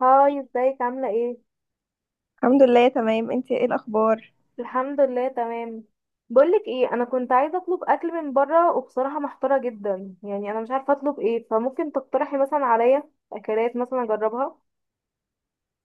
هاي، ازيك؟ عاملة ايه؟ الحمد لله تمام. انت ايه الاخبار؟ الحمد لله تمام. بقولك ايه، انا كنت عايزة اطلب اكل من بره، وبصراحة محتارة جدا. يعني انا مش عارفة اطلب ايه، فممكن تقترحي مثلا عليا اكلات مثلا اجربها.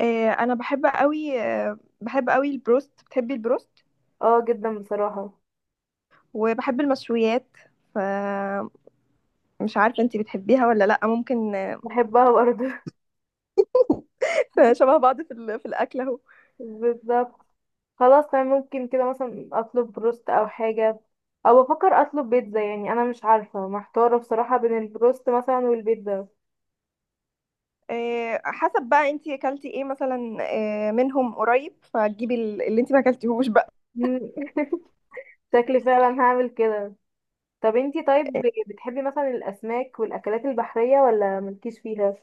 انا بحب قوي، بحب قوي البروست. بتحبي البروست؟ اه جدا بصراحة. وبحب المشويات. فمش عارفه انت بتحبيها ولا لا. ممكن، بحبها برضه. شبه بعض في الاكل اهو. بالظبط. خلاص تمام، ممكن كده مثلا اطلب بروست او حاجة، او بفكر اطلب بيتزا. يعني انا مش عارفة، محتارة بصراحة بين البروست مثلا والبيتزا. حسب بقى انت اكلتي ايه مثلا، منهم قريب فتجيبي اللي انت ما اكلتيهوش بقى. شكلي فعلا هعمل كده. طب انتي طيب، بتحبي مثلا الاسماك والاكلات البحريه ولا ملكيش فيها؟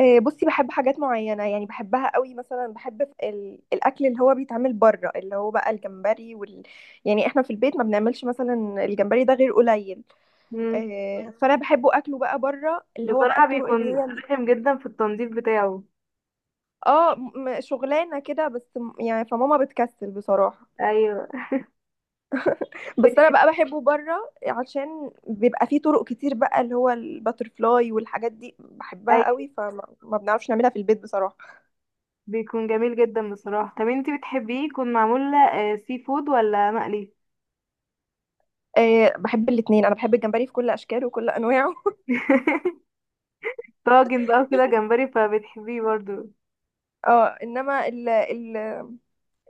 بصي، بحب حاجات معينه يعني، بحبها قوي. مثلا بحب الاكل اللي هو بيتعمل بره، اللي هو بقى الجمبري يعني احنا في البيت ما بنعملش مثلا الجمبري ده غير قليل. مم. فانا بحبه اكله بقى بره، اللي هو بقى بصراحه الطرق اللي بيكون هي رخم جدا في التنظيف بتاعه. اه، شغلانه كده بس، يعني فماما بتكسل بصراحه. ايوه. بس انا بتحب. بقى بحبه بره عشان بيبقى فيه طرق كتير بقى، اللي هو الباترفلاي والحاجات دي بحبها ايوه، قوي، ما بنعرفش نعملها في البيت بصراحه. بيكون جميل جدا بصراحه. طب انتي بتحبيه يكون معمول سي فود ولا مقلي؟ بحب الاتنين، انا بحب الجمبري في كل اشكاله وكل انواعه. طاجن بقى كده جمبري، فبتحبيه برضو؟ اه، انما ال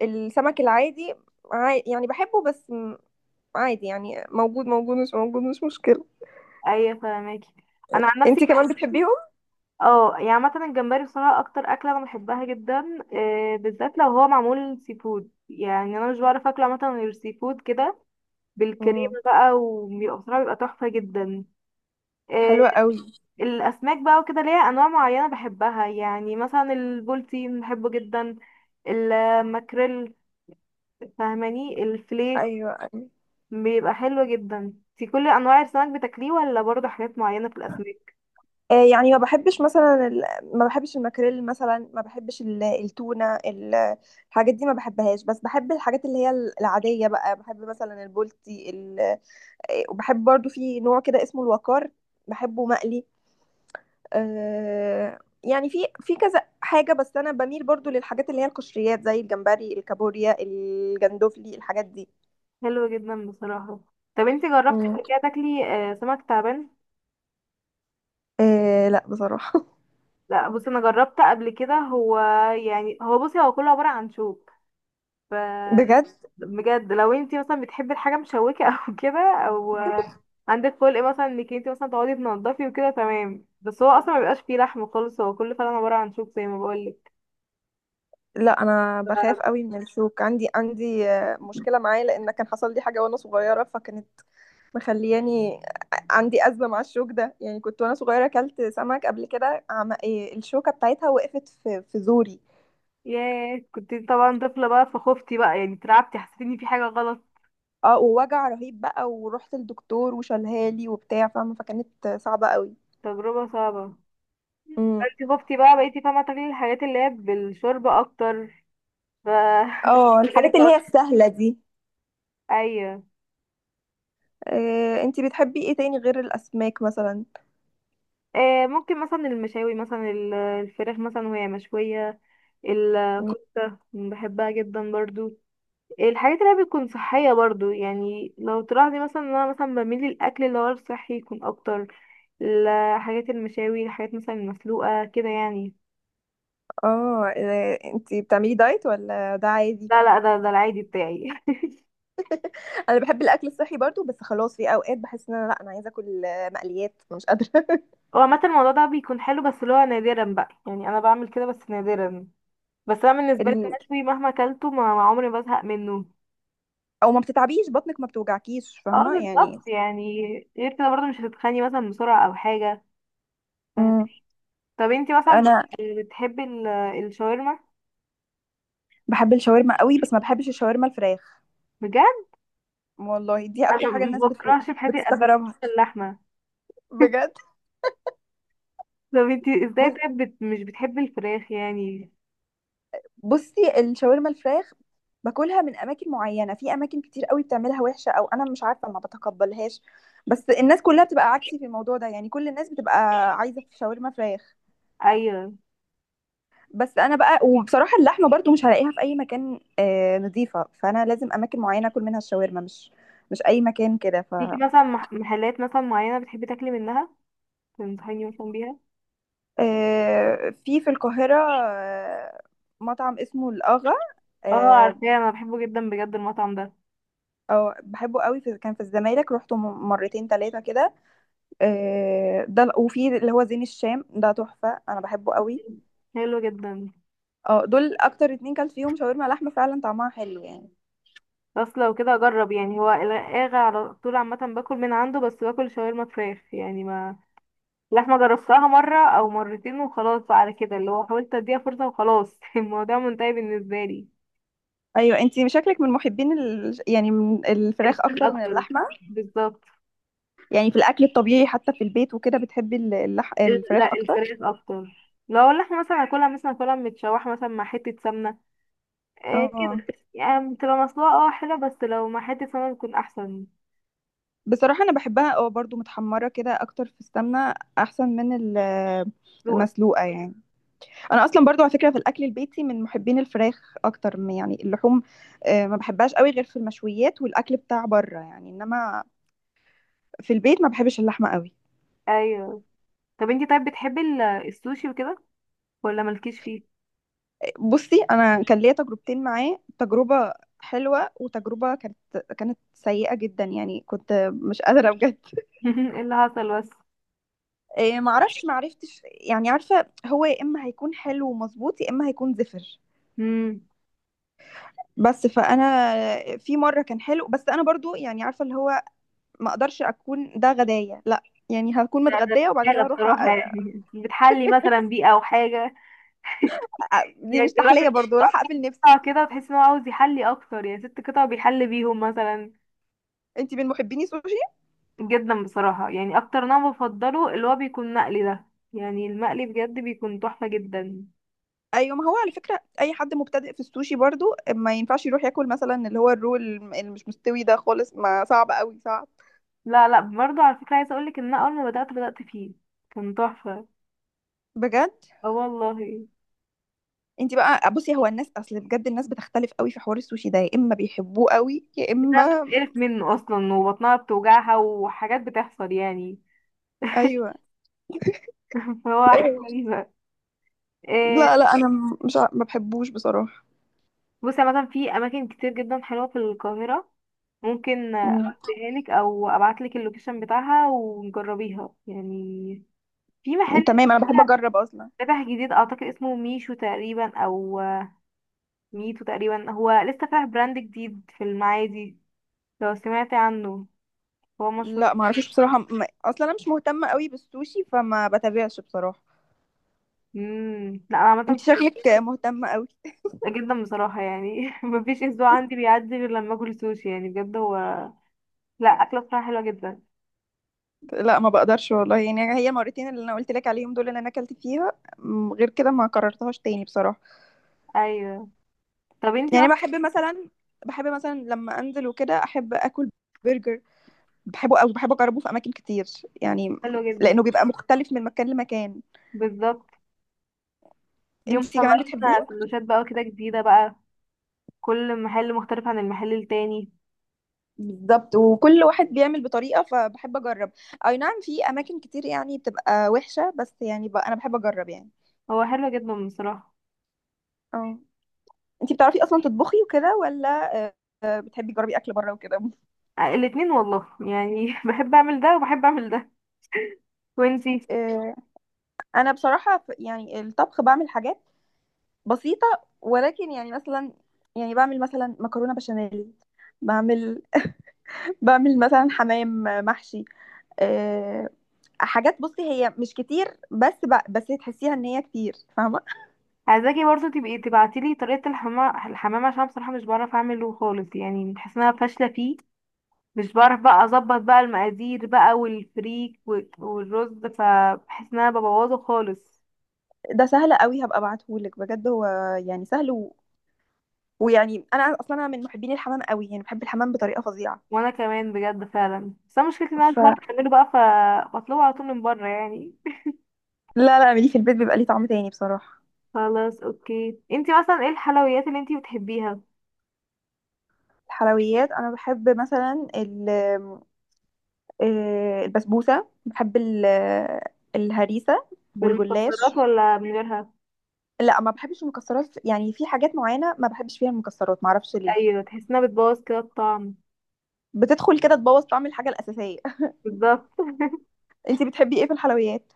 السمك العادي، يعني بحبه بس، عادي يعني. موجود مش موجود، مش مشكله. ايوه، فاهماكي. انا عن نفسي انتي بحب. كمان بتحبيهم؟ اه، يعني مثلا الجمبري بصراحه اكتر اكله انا بحبها جدا، بالذات لو هو معمول سي فود. يعني انا مش بعرف اكله مثلا غير سي فود كده، بالكريمة مم. بقى، وبيبقى بصراحة بيبقى تحفة جدا. آه، حلوة قوي. الأسماك بقى وكده ليها أنواع معينة بحبها، يعني مثلا البولتين بحبه جدا، الماكريل، فاهماني، الفيليه. ايوه ايوه. بيبقى حلو جدا. في كل أنواع السمك بتاكليه ولا برضه حاجات معينة في الأسماك؟ يعني ما بحبش مثلا ما بحبش الماكريل مثلا، ما بحبش التونة الحاجات دي ما بحبهاش. بس بحب الحاجات اللي هي العادية بقى. بحب مثلا البولتي آه، وبحب برضو في نوع كده اسمه الوقار، بحبه مقلي. يعني في كذا حاجة. بس أنا بميل برضو للحاجات اللي هي القشريات، زي الجمبري، الكابوريا، الجندوفلي، الحاجات دي. حلو جدا بصراحة. طب انتي جربتي مم. قبل كده تاكلي سمك تعبان؟ آه لا بصراحة. لا، بصي انا جربت قبل كده. هو يعني هو، بصي هو كله عبارة عن شوك. ف بجد؟ بجد، لو انتي مثلا بتحبي الحاجه مشوكه او كده، او عندك خلق مثلا انك انتي مثلا تقعدي تنضفي وكده تمام. بس هو اصلا ما بيبقاش فيه لحم خالص، هو كله فعلا عباره عن شوك زي ما بقولك. لا انا ف- بخاف قوي من الشوك، عندي مشكله معاه، لان كان حصل لي حاجه وانا صغيره، فكانت مخلياني عندي ازمه مع الشوك ده. يعني كنت وانا صغيره اكلت سمك قبل كده، الشوكه بتاعتها وقفت في زوري. ياه، كنت طبعا طفله بقى فخفتي بقى، يعني اترعبتي، حسيت ان في حاجه غلط. اه، ووجع رهيب بقى، ورحت للدكتور وشالها لي وبتاع، فاهمه؟ فكانت صعبه قوي. تجربه صعبه. امم انتي خفتي بقى، بقيتي فاهمه تاكلي الحاجات اللي هي بالشوربه اكتر. ف اه بالك الحاجات اللي هي بقى- السهله دي. ايوه. انتي بتحبي ايه تاني غير الاسماك مثلا؟ آه ممكن مثلا المشاوي، مثلا الفراخ مثلا وهي مشويه. الكفتة بحبها جدا برضو. الحاجات اللي هي بتكون صحية برضو، يعني لو تلاحظي مثلا ان انا مثلا بميل للأكل اللي هو الصحي يكون اكتر. الحاجات المشاوي، الحاجات مثلا المسلوقة كده يعني. اه، انتي بتعملي دايت ولا ده عادي؟ لا لا، ده العادي بتاعي. انا بحب الاكل الصحي برضو، بس خلاص في اوقات بحس ان انا، لا انا عايزه اكل، مقليات، أنا مش قادره. هو عامة الموضوع ده بيكون حلو، بس اللي هو نادرا بقى. يعني انا بعمل كده بس نادرا. بس انا بالنسبة لي ال... المشوي مهما اكلته ما عمري ما بزهق منه. او ما بتتعبيش بطنك، ما بتوجعكيش، اه فاهمه بالظبط يعني. يعني. غير كده برضه مش هتتخني مثلا بسرعة او حاجة. فاهمة؟ مم. طب انتي مثلا، انا بتحبي الشاورما؟ بحب الشاورما قوي، بس ما بحبش الشاورما الفراخ. بجد، والله دي اكتر انا حاجه الناس ما بكرهش في حياتي قد كده بتستغربها. اللحمه. بجد. طب انتي ازاي بص- طيب، مش بتحبي الفراخ يعني؟ بصي، الشاورما الفراخ باكلها من اماكن معينه. في اماكن كتير قوي بتعملها وحشه، او انا مش عارفه ما بتقبلهاش. بس الناس كلها بتبقى عكسي في الموضوع ده يعني، كل الناس بتبقى عايزه في شاورما فراخ. ايوه. بس انا بقى، وبصراحه اللحمه برضو مش هلاقيها في اي مكان نظيفه، فانا لازم اماكن معينه اكل منها الشاورما، مش اي مكان كده. ف ليكي مثلا محلات مثلا معينه بتحبي تاكلي منها تنصحيني مثلا بيها؟ في في القاهره مطعم اسمه الاغا. اه آه، عارفاه، انا بحبه جدا بجد المطعم ده. أو بحبه قوي. في كان في الزمالك، روحته مرتين ثلاثه كده. ده وفي اللي هو زين الشام ده تحفه، انا بحبه قوي. حلو جدا. اه، دول اكتر اتنين كلت فيهم شاورما لحمه، فعلا طعمها حلو يعني. بس لو كده اجرب. يعني هو الغاغا على طول عامه باكل من عنده، بس باكل شاورما فراخ يعني. ما لحمه جربتها مره او مرتين وخلاص بقى، على كده اللي هو حاولت اديها فرصه وخلاص. الموضوع منتهي بالنسبه لي. ايوه انتي شكلك من محبين يعني من الفراخ اكتر من اكتر، اللحمه. بالظبط. يعني في الاكل الطبيعي حتى في البيت وكده، بتحبي الفراخ لا، اكتر. الفراخ اكتر. لو اللحمه مثلا هاكلها متشوحه مثلا مع حته سمنه. آه كده، اه، يعني بتبقى مسلوقه اه حلوه، بس لو مع حته سمنه بتكون احسن. بصراحه انا بحبها اه برضو متحمره كده، اكتر في السمنه، احسن من ذوقك. المسلوقه يعني. انا اصلا برضو على فكره في الاكل البيتي من محبين الفراخ اكتر من، يعني، اللحوم. ما بحبهاش قوي غير في المشويات والاكل بتاع بره يعني، انما في البيت ما بحبش اللحمه قوي. ايوه. طب انتي طيب بتحبي السوشي وكده ولا مالكيش فيه؟ بصي انا كان ليا تجربتين معاه، تجربه حلوة وتجربة كانت سيئة جدا، يعني كنت مش قادرة بجد. ايه اللي حصل بس؟ إيه، معرفتش، يعني عارفة هو يا إما هيكون حلو ومظبوط، يا إما هيكون زفر. امم. بس فأنا، في مرة كان حلو، بس أنا برضو يعني عارفة اللي هو ما أقدرش أكون ده غداية، لا. يعني هكون لا، ده متغدية وبعد حاجه كده أروح بصراحه، يعني بتحلي مثلا بيه او حاجه؟ دي يعني مش الراجل تحلية برضو، راح أقفل نفسي. بيقطع كده، وتحس ان هو عاوز يحلي اكتر، يعني ست قطع بيحل بيهم مثلا. أنت من محبيني سوشي. جدا بصراحة، يعني اكتر نوع بفضله اللي هو بيكون مقلي ده، يعني المقلي بجد بيكون تحفة جدا. أيوة. ما هو على فكرة أي حد مبتدئ في السوشي برضو ما ينفعش يروح ياكل مثلا اللي هو الرول اللي مش مستوي ده خالص، ما صعب قوي، صعب. لا لا برضه، على فكرة، عايزة اقولك ان انا اول ما بدأت فيه كان تحفة. بجد. اه والله. انت بقى بصي، هو الناس، اصل بجد الناس بتختلف قوي في حوار السوشي ده، يا اما بيحبوه قوي، يا الناس اما، بتتقرف منه اصلا، وبطنها بتوجعها، وحاجات بتحصل يعني. ايوه فهو حاجة ايوه. غريبة. إيه. لا لا انا مش ما بحبوش بصراحه. بصي مثلا في اماكن كتير جدا حلوة في القاهرة، ممكن امم اديها لك او ابعت لك اللوكيشن بتاعها ونجربيها يعني. في محل تمام، انا بحب اجرب اصلا. فتح جديد، اعتقد اسمه ميشو تقريبا او ميتو تقريبا، هو لسه فاتح براند جديد في المعادي، لو سمعت عنه. هو مشهور. لا ما اعرفش بصراحه، ما... اصلا انا مش مهتمه قوي بالسوشي، فما بتابعش بصراحه. لا انا عامه كنت انت مبسوطة شكلك مهتمه قوي. جدا بصراحه. يعني مفيش اسبوع عندي بيعدي غير لما اكل سوشي، يعني بجد هو لا اكله بصراحه حلوه جدا. لا ما بقدرش والله يعني. هي المرتين اللي انا قلت لك عليهم دول اللي انا اكلت فيها، غير كده ما كررتهاش تاني بصراحه. ايوه. طب انتي يعني بقى. بحب مثلا، لما انزل وكده احب اكل برجر. بحبه قوي، بحب اجربه في اماكن كتير يعني، حلوه جدا، لانه بيبقى مختلف من مكان لمكان. بالظبط. اليوم انتي كمان طالعين بتحبيه. سندوتشات بقى كده جديده بقى، كل محل مختلف عن المحل التاني. بالظبط، وكل واحد بيعمل بطريقة، فبحب أجرب. أي نعم في أماكن كتير يعني بتبقى وحشة، بس يعني، أنا بحب أجرب يعني. هو حلو جدا بصراحه. اه، انتي بتعرفي اصلا تطبخي وكده ولا، آه، بتحبي تجربي اكل بره وكده؟ الاتنين والله، يعني بحب اعمل ده وبحب اعمل ده. وانتي؟ آه، أنا بصراحة، يعني الطبخ بعمل حاجات بسيطة، ولكن يعني مثلا، يعني بعمل مثلا مكرونة بشاميل، بعمل، بعمل مثلا حمام محشي. آه، حاجات بُصّي هي مش كتير، بس بس تحسّيها إن هي كتير، فاهمة؟ عايزاكي برضه تبقي تبعتيلي طريقة الحمام عشان بصراحة مش بعرف اعمله خالص، يعني بحس ان انا فاشلة فيه. مش بعرف بقى اظبط بقى المقادير بقى والفريك والرز، فبحس ان انا ببوظه خالص. ده سهل أوي، هابقى ابعته لِك بجد. هو يعني سهل، و، ويعني أنا أصلًا أنا من محبين الحمام أوي، يعني باحب الحمام بطريقة فظيعة. وانا كمان بجد فعلا، بس انا مشكلتي ان انا مش ف بعرف اعمله بقى، فبطلبه على طول من بره يعني. لا، لا، اعمليه في البيت بيبقى ليه طعم تاني بصراحة. خلاص اوكي، انتي مثلا ايه الحلويات اللي انتي بتحبيها؟ الحلويات أنا باحب مثلًا ال البسبوسة، باحب ال الهريسة بالمكسرات والجلاش. ولا من غيرها؟ لأ، ما باحبش المكسرات، يعني في حاجات معيّنة ما باحبش فيها المكسرات، ما أعرفش ليه. ايوه، تحس انها بتبوظ كده الطعم. بتدخل كده تبوّظ طعم الحاجة الأساسية. بالظبط. أنتِ بتحبي إيه في الحلويات؟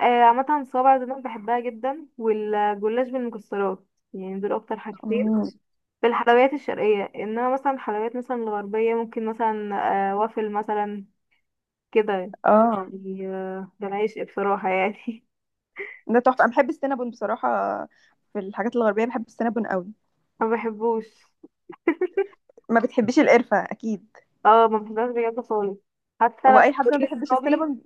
عامة صوابع زينب بحبها جدا، والجلاش بالمكسرات، يعني دول أكتر حاجتين مم. في الحلويات الشرقية. إنما مثلا الحلويات مثلا الغربية، ممكن مثلا وافل مثلا كده اه يعني. ده العشق بصراحة يعني. ده تحفه، انا بحب السينابون بصراحه. في الحاجات الغربيه بحب السينابون قوي. ما بحبوش. ما بتحبيش القرفه اكيد. اه ما بحبهاش بجد خالص. حتى هو لما اي حد بقول ما بيحبش لصحابي، السينابون.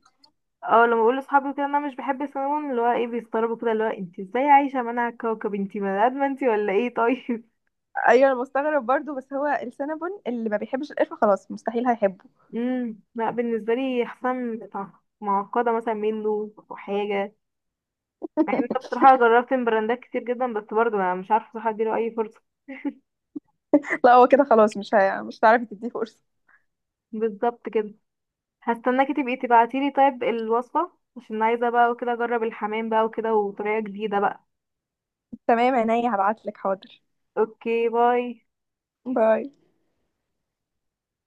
اه لما بقول لصحابي كده إن أنا مش بحب السينامون، اللي هو ايه بيستغربوا كده، اللي هو انت ازاي عايشة منع الكوكب، انت بني آدمة انت ولا ايه؟ طيب. ايوه انا مستغرب برضو، بس هو السينابون اللي ما بيحبش القرفه خلاص مستحيل هيحبه. لا بالنسبه لي، حسام معقده مثلا منه وحاجه. يعني انت بصراحه جربت من براندات كتير جدا، بس برضه انا مش عارفه بصراحه اديله اي فرصه. لا هو كده خلاص، مش هتعرفي تديه فرصه. بالظبط كده. هستناكي تبقي تبعتيلي طيب الوصفه عشان عايزه بقى وكده اجرب الحمام بقى وكده وطريقه جديده بقى. تمام عينيا هبعت لك، حاضر. اوكي باي. باي.